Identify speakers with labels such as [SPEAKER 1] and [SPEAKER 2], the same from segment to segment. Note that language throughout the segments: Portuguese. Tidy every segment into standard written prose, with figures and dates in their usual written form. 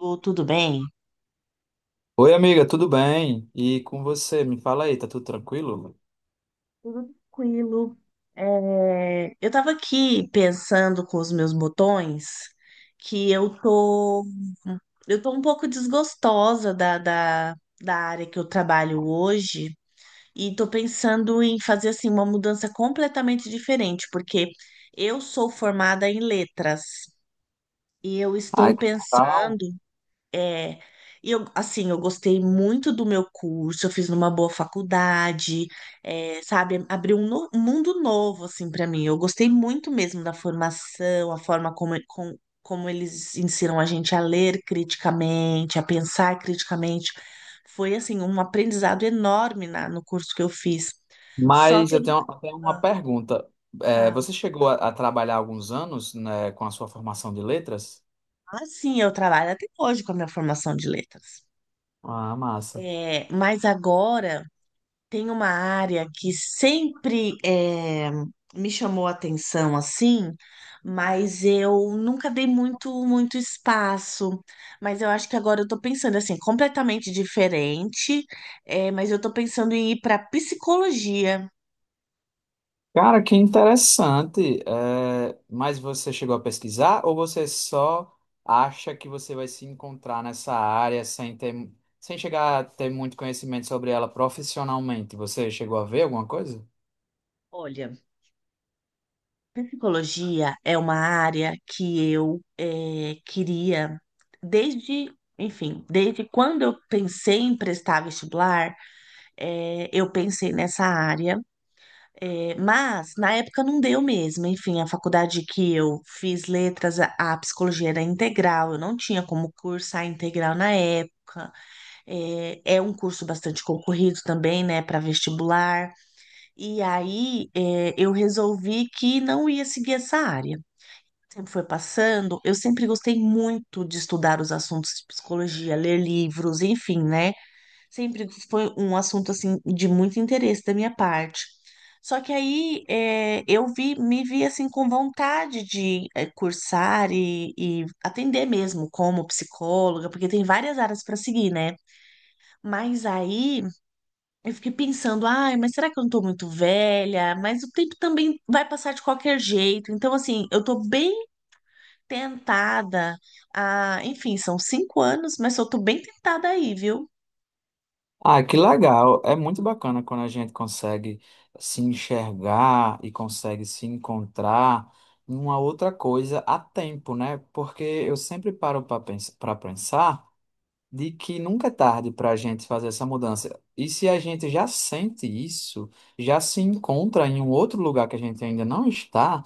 [SPEAKER 1] Lu, tudo bem?
[SPEAKER 2] Oi, amiga, tudo bem? E com você? Me fala aí, tá tudo tranquilo?
[SPEAKER 1] Tudo tranquilo. É, eu estava aqui pensando com os meus botões que eu tô um pouco desgostosa da área que eu trabalho hoje e tô pensando em fazer assim uma mudança completamente diferente, porque eu sou formada em letras e eu estou
[SPEAKER 2] Ai, que tal?
[SPEAKER 1] pensando. É, e eu, assim, eu gostei muito do meu curso, eu fiz numa boa faculdade, é, sabe, abriu um mundo novo, assim, para mim. Eu gostei muito mesmo da formação, a forma como como eles ensinam a gente a ler criticamente, a pensar criticamente. Foi, assim, um aprendizado enorme no curso que eu fiz. Só
[SPEAKER 2] Mas
[SPEAKER 1] que eu
[SPEAKER 2] eu tenho
[SPEAKER 1] nunca
[SPEAKER 2] eu tenho uma
[SPEAKER 1] ah,
[SPEAKER 2] pergunta. É,
[SPEAKER 1] falo,
[SPEAKER 2] você chegou a trabalhar alguns anos, né, com a sua formação de letras?
[SPEAKER 1] assim, eu trabalho até hoje com a minha formação de letras.
[SPEAKER 2] Ah, massa.
[SPEAKER 1] É, mas agora. Tem uma área que sempre me chamou a atenção assim, mas eu nunca dei muito muito espaço. Mas eu acho que agora eu tô pensando assim, completamente diferente, mas eu tô pensando em ir para psicologia.
[SPEAKER 2] Cara, que interessante. É, mas você chegou a pesquisar ou você só acha que você vai se encontrar nessa área sem ter, sem chegar a ter muito conhecimento sobre ela profissionalmente? Você chegou a ver alguma coisa?
[SPEAKER 1] Olha, psicologia é uma área que eu queria desde, enfim, desde quando eu pensei em prestar vestibular, eu pensei nessa área. É, mas na época não deu mesmo. Enfim, a faculdade que eu fiz letras, a psicologia era integral, eu não tinha como cursar integral na época. É, é um curso bastante concorrido também, né, para vestibular. E aí é, eu resolvi que não ia seguir essa área. Sempre foi passando, eu sempre gostei muito de estudar os assuntos de psicologia, ler livros, enfim, né? Sempre foi um assunto assim de muito interesse da minha parte. Só que aí é, eu vi, me vi assim com vontade de é, cursar e atender mesmo como psicóloga, porque tem várias áreas para seguir, né? Mas aí eu fiquei pensando, ai, mas será que eu não tô muito velha? Mas o tempo também vai passar de qualquer jeito. Então, assim, eu tô bem tentada a, enfim, são 5 anos, mas eu tô bem tentada aí, viu?
[SPEAKER 2] Ah, que legal! É muito bacana quando a gente consegue se enxergar e consegue se encontrar em uma outra coisa a tempo, né? Porque eu sempre paro para pensar de que nunca é tarde para a gente fazer essa mudança. E se a gente já sente isso, já se encontra em um outro lugar que a gente ainda não está.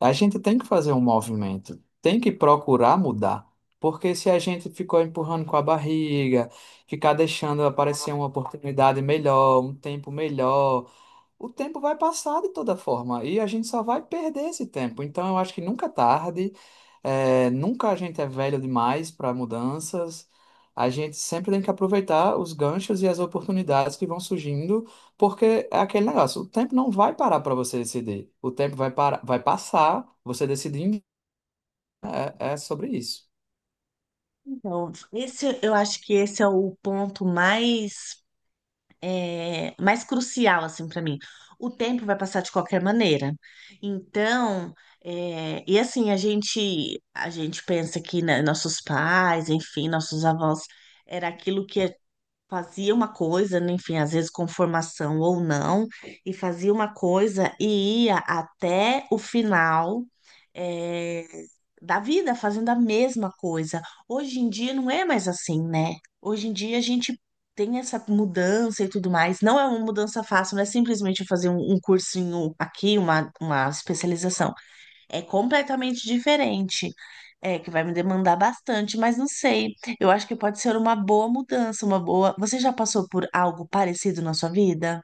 [SPEAKER 2] A gente tem que fazer um movimento, tem que procurar mudar, porque se a gente ficou empurrando com a barriga, ficar deixando aparecer uma oportunidade melhor, um tempo melhor, o tempo vai passar de toda forma e a gente só vai perder esse tempo. Então, eu acho que nunca é tarde, é, nunca a gente é velho demais para mudanças. A gente sempre tem que aproveitar os ganchos e as oportunidades que vão surgindo, porque é aquele negócio: o tempo não vai parar para você decidir. O tempo vai, parar, vai passar, você decidindo é sobre isso.
[SPEAKER 1] Então, esse, eu acho que esse é o ponto mais, é, mais crucial, assim, para mim. O tempo vai passar de qualquer maneira. Então, é, e assim, a gente pensa que né, nossos pais, enfim, nossos avós, era aquilo que a fazia uma coisa, né, enfim, às vezes com formação ou não, e fazia uma coisa e ia até o final, eh, da vida fazendo a mesma coisa. Hoje em dia não é mais assim, né? Hoje em dia a gente tem essa mudança e tudo mais. Não é uma mudança fácil, não é simplesmente eu fazer um cursinho aqui, uma especialização é completamente diferente. É, que vai me demandar bastante, mas não sei. Eu acho que pode ser uma boa mudança, uma boa. Você já passou por algo parecido na sua vida?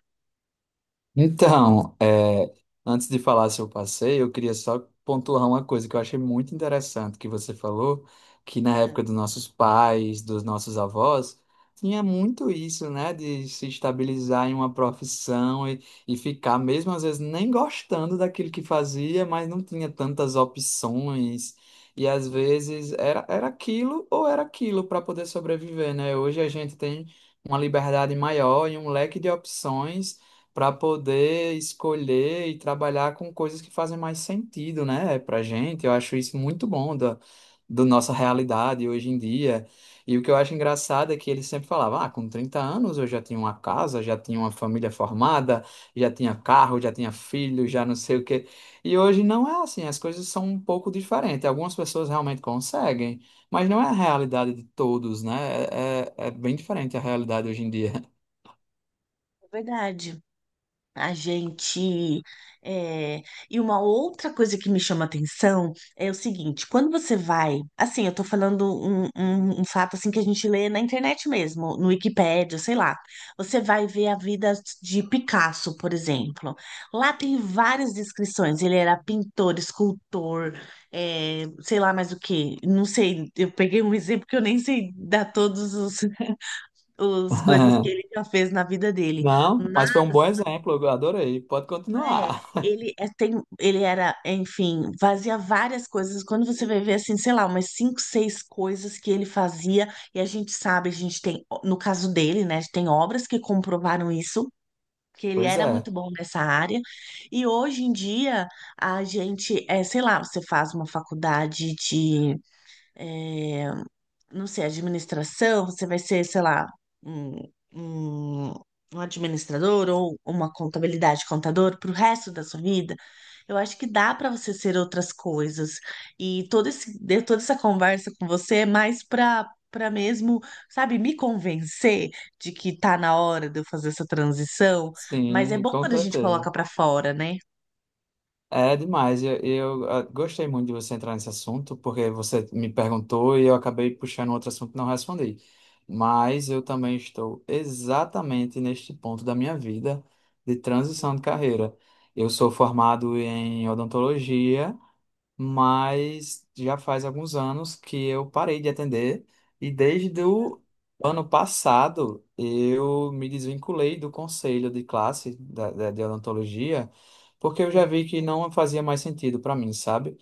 [SPEAKER 2] Então, é, antes de falar seu passeio, eu queria só pontuar uma coisa que eu achei muito interessante que você falou, que na
[SPEAKER 1] É,
[SPEAKER 2] época dos nossos pais, dos nossos avós, tinha muito isso, né, de se estabilizar em uma profissão e ficar, mesmo às vezes, nem gostando daquilo que fazia, mas não tinha tantas opções. E às vezes era, era aquilo ou era aquilo para poder sobreviver, né? Hoje a gente tem uma liberdade maior e um leque de opções para poder escolher e trabalhar com coisas que fazem mais sentido, né, para gente. Eu acho isso muito bom da nossa realidade hoje em dia. E o que eu acho engraçado é que ele sempre falava: ah, com 30 anos eu já tinha uma casa, já tinha uma família formada, já tinha carro, já tinha filho, já não sei o quê. E hoje não é assim, as coisas são um pouco diferentes. Algumas pessoas realmente conseguem, mas não é a realidade de todos, né? É, é bem diferente a realidade hoje em dia.
[SPEAKER 1] é verdade. A gente. É, E uma outra coisa que me chama atenção é o seguinte: quando você vai. Assim, eu tô falando um fato assim que a gente lê na internet mesmo, no Wikipédia, sei lá. Você vai ver a vida de Picasso, por exemplo. Lá tem várias descrições. Ele era pintor, escultor, é, sei lá mais o quê. Não sei, eu peguei um exemplo que eu nem sei dar todos os, os coisas que ele já fez na vida dele,
[SPEAKER 2] Não, mas foi um bom exemplo, eu adorei. Pode
[SPEAKER 1] né?
[SPEAKER 2] continuar.
[SPEAKER 1] Ele é, tem, ele era, enfim, fazia várias coisas. Quando você vai ver assim, sei lá, umas cinco, seis coisas que ele fazia, e a gente sabe, a gente tem, no caso dele, né, tem obras que comprovaram isso. Que ele
[SPEAKER 2] Pois
[SPEAKER 1] era
[SPEAKER 2] é,
[SPEAKER 1] muito bom nessa área, e hoje em dia a gente, é, sei lá, você faz uma faculdade de, é, não sei, administração, você vai ser, sei lá, um, um, um administrador ou uma contabilidade contador para o resto da sua vida. Eu acho que dá para você ser outras coisas. E todo esse, de- toda essa conversa com você é mais para mesmo, sabe, me convencer de que tá na hora de eu fazer essa transição. Mas é
[SPEAKER 2] sim,
[SPEAKER 1] bom
[SPEAKER 2] com
[SPEAKER 1] quando a gente
[SPEAKER 2] certeza.
[SPEAKER 1] coloca para fora, né?
[SPEAKER 2] É demais. Gostei muito de você entrar nesse assunto, porque você me perguntou e eu acabei puxando um outro assunto e não respondi. Mas eu também estou exatamente neste ponto da minha vida de transição
[SPEAKER 1] Sim,
[SPEAKER 2] de carreira. Eu sou formado em odontologia, mas já faz alguns anos que eu parei de atender e desde o ano passado eu me desvinculei do conselho de classe de odontologia, porque eu já
[SPEAKER 1] sim.
[SPEAKER 2] vi que não fazia mais sentido para mim, sabe?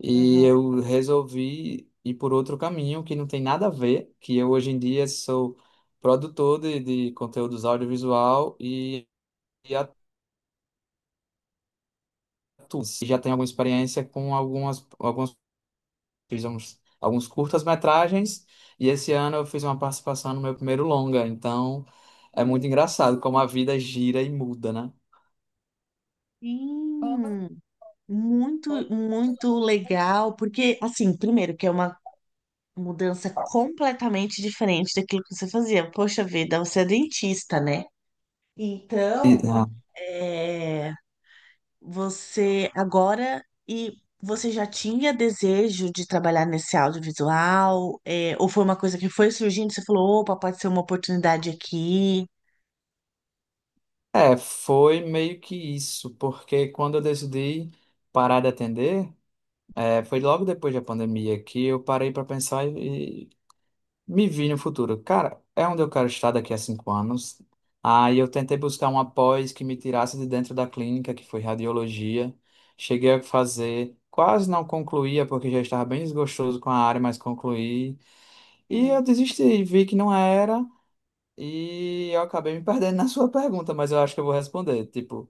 [SPEAKER 2] E
[SPEAKER 1] Aham.
[SPEAKER 2] eu resolvi ir por outro caminho que não tem nada a ver, que eu hoje em dia sou produtor de conteúdos audiovisual e atuo. E já tenho alguma experiência com algumas. Alguns curtas-metragens e esse ano eu fiz uma participação no meu primeiro longa. Então é muito engraçado como a vida gira e muda, né?
[SPEAKER 1] Sim. Muito, muito legal, porque, assim, primeiro, que é uma mudança completamente diferente daquilo que você fazia. Poxa vida, você é dentista, né?
[SPEAKER 2] E,
[SPEAKER 1] Então, é, você agora, e você já tinha desejo de trabalhar nesse audiovisual? É, ou foi uma coisa que foi surgindo, você falou, opa, pode ser uma oportunidade aqui?
[SPEAKER 2] é, foi meio que isso, porque quando eu decidi parar de atender, foi logo depois da pandemia que eu parei para pensar e me vi no futuro. Cara, é onde eu quero estar daqui a 5 anos. Aí eu tentei buscar uma pós que me tirasse de dentro da clínica, que foi radiologia. Cheguei a fazer, quase não concluía, porque já estava bem desgostoso com a área, mas concluí. E eu
[SPEAKER 1] Sim,
[SPEAKER 2] desisti, vi que não era. E eu acabei me perdendo na sua pergunta, mas eu acho que eu vou responder. Tipo,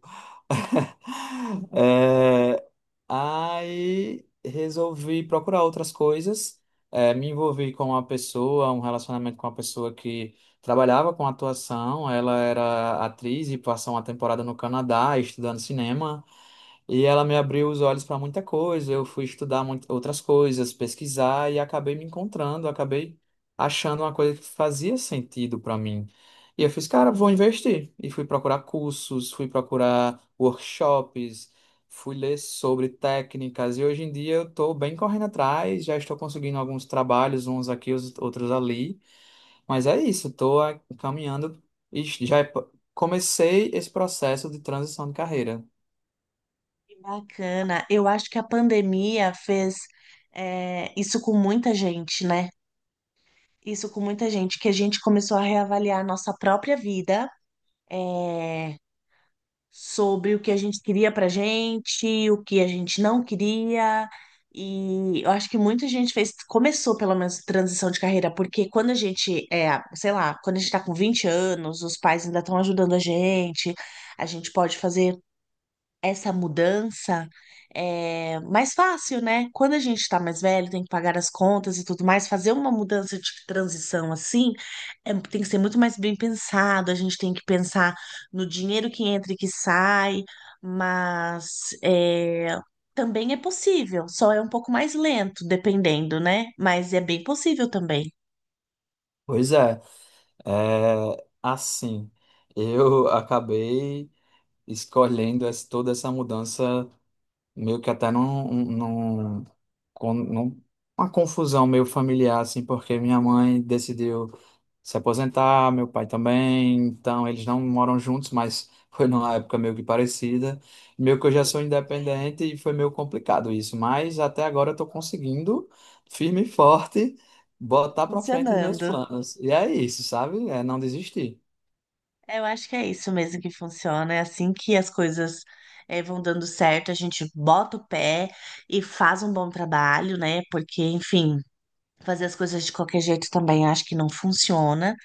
[SPEAKER 2] é, aí resolvi procurar outras coisas. Me envolvi com uma pessoa, um relacionamento com uma pessoa que trabalhava com atuação. Ela era atriz e passou uma temporada no Canadá estudando cinema. E ela me abriu os olhos para muita coisa. Eu fui estudar muito, outras coisas, pesquisar e acabei me encontrando, acabei achando uma coisa que fazia sentido para mim. E eu fiz, cara, vou
[SPEAKER 1] sim.
[SPEAKER 2] investir. E fui procurar cursos, fui procurar workshops, fui ler sobre técnicas. E hoje em dia eu estou bem correndo atrás, já estou conseguindo alguns trabalhos, uns aqui, os outros ali. Mas é isso, estou caminhando e já comecei esse processo de transição de carreira.
[SPEAKER 1] Que bacana. Eu acho que a pandemia fez, é, isso com muita gente, né? Isso com muita gente, que a gente começou a reavaliar a nossa própria vida, é, sobre o que a gente queria pra gente, o que a gente não queria. E eu acho que muita gente fez, começou pelo menos transição de carreira, porque quando a gente é, sei lá, quando a gente tá com 20 anos, os pais ainda estão ajudando a gente pode fazer essa mudança é mais fácil, né? Quando a gente tá mais velho, tem que pagar as contas e tudo mais, fazer uma mudança de transição assim, é- tem que ser muito mais bem pensado, a gente tem que pensar no dinheiro que entra e que sai, mas é, também é possível, só é um pouco mais lento, dependendo, né? Mas é bem possível também.
[SPEAKER 2] Pois é. É, assim, eu acabei escolhendo toda essa mudança meio que até num, um, num, com- num- uma confusão meio familiar, assim, porque minha mãe decidiu se aposentar, meu pai também, então eles não moram juntos, mas foi numa época meio que parecida. Meio que eu já
[SPEAKER 1] É,
[SPEAKER 2] sou independente e foi meio complicado isso, mas até agora eu tô conseguindo, firme e forte, botar pra frente os meus
[SPEAKER 1] funcionando.
[SPEAKER 2] planos. E é isso, sabe? É não desistir.
[SPEAKER 1] É, eu acho que é isso mesmo que funciona. É assim que as coisas vão dando certo, a gente bota o pé e faz um bom trabalho, né? Porque, enfim, fazer as coisas de qualquer jeito também acho que não funciona,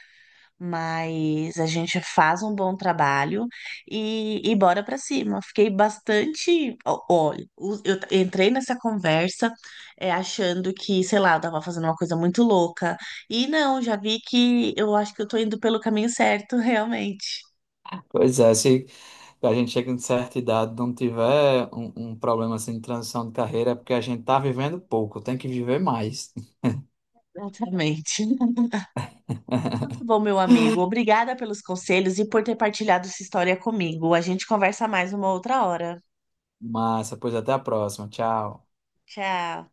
[SPEAKER 1] mas a gente faz um bom trabalho e bora pra cima. Fiquei bastante. Olha, entrei nessa conversa achando que, sei lá, eu tava fazendo uma coisa muito louca. E não, já vi que eu acho que eu tô indo pelo caminho certo, realmente.
[SPEAKER 2] Pois é, se a gente chega em certa idade, não tiver um problema assim de transição de carreira, é porque a gente tá vivendo pouco, tem que viver mais.
[SPEAKER 1] Exatamente. Então, tá bom, meu amigo. Obrigada pelos conselhos e por ter partilhado sua história comigo. A gente conversa mais uma outra hora.
[SPEAKER 2] Massa, pois até a próxima. Tchau.
[SPEAKER 1] Tchau.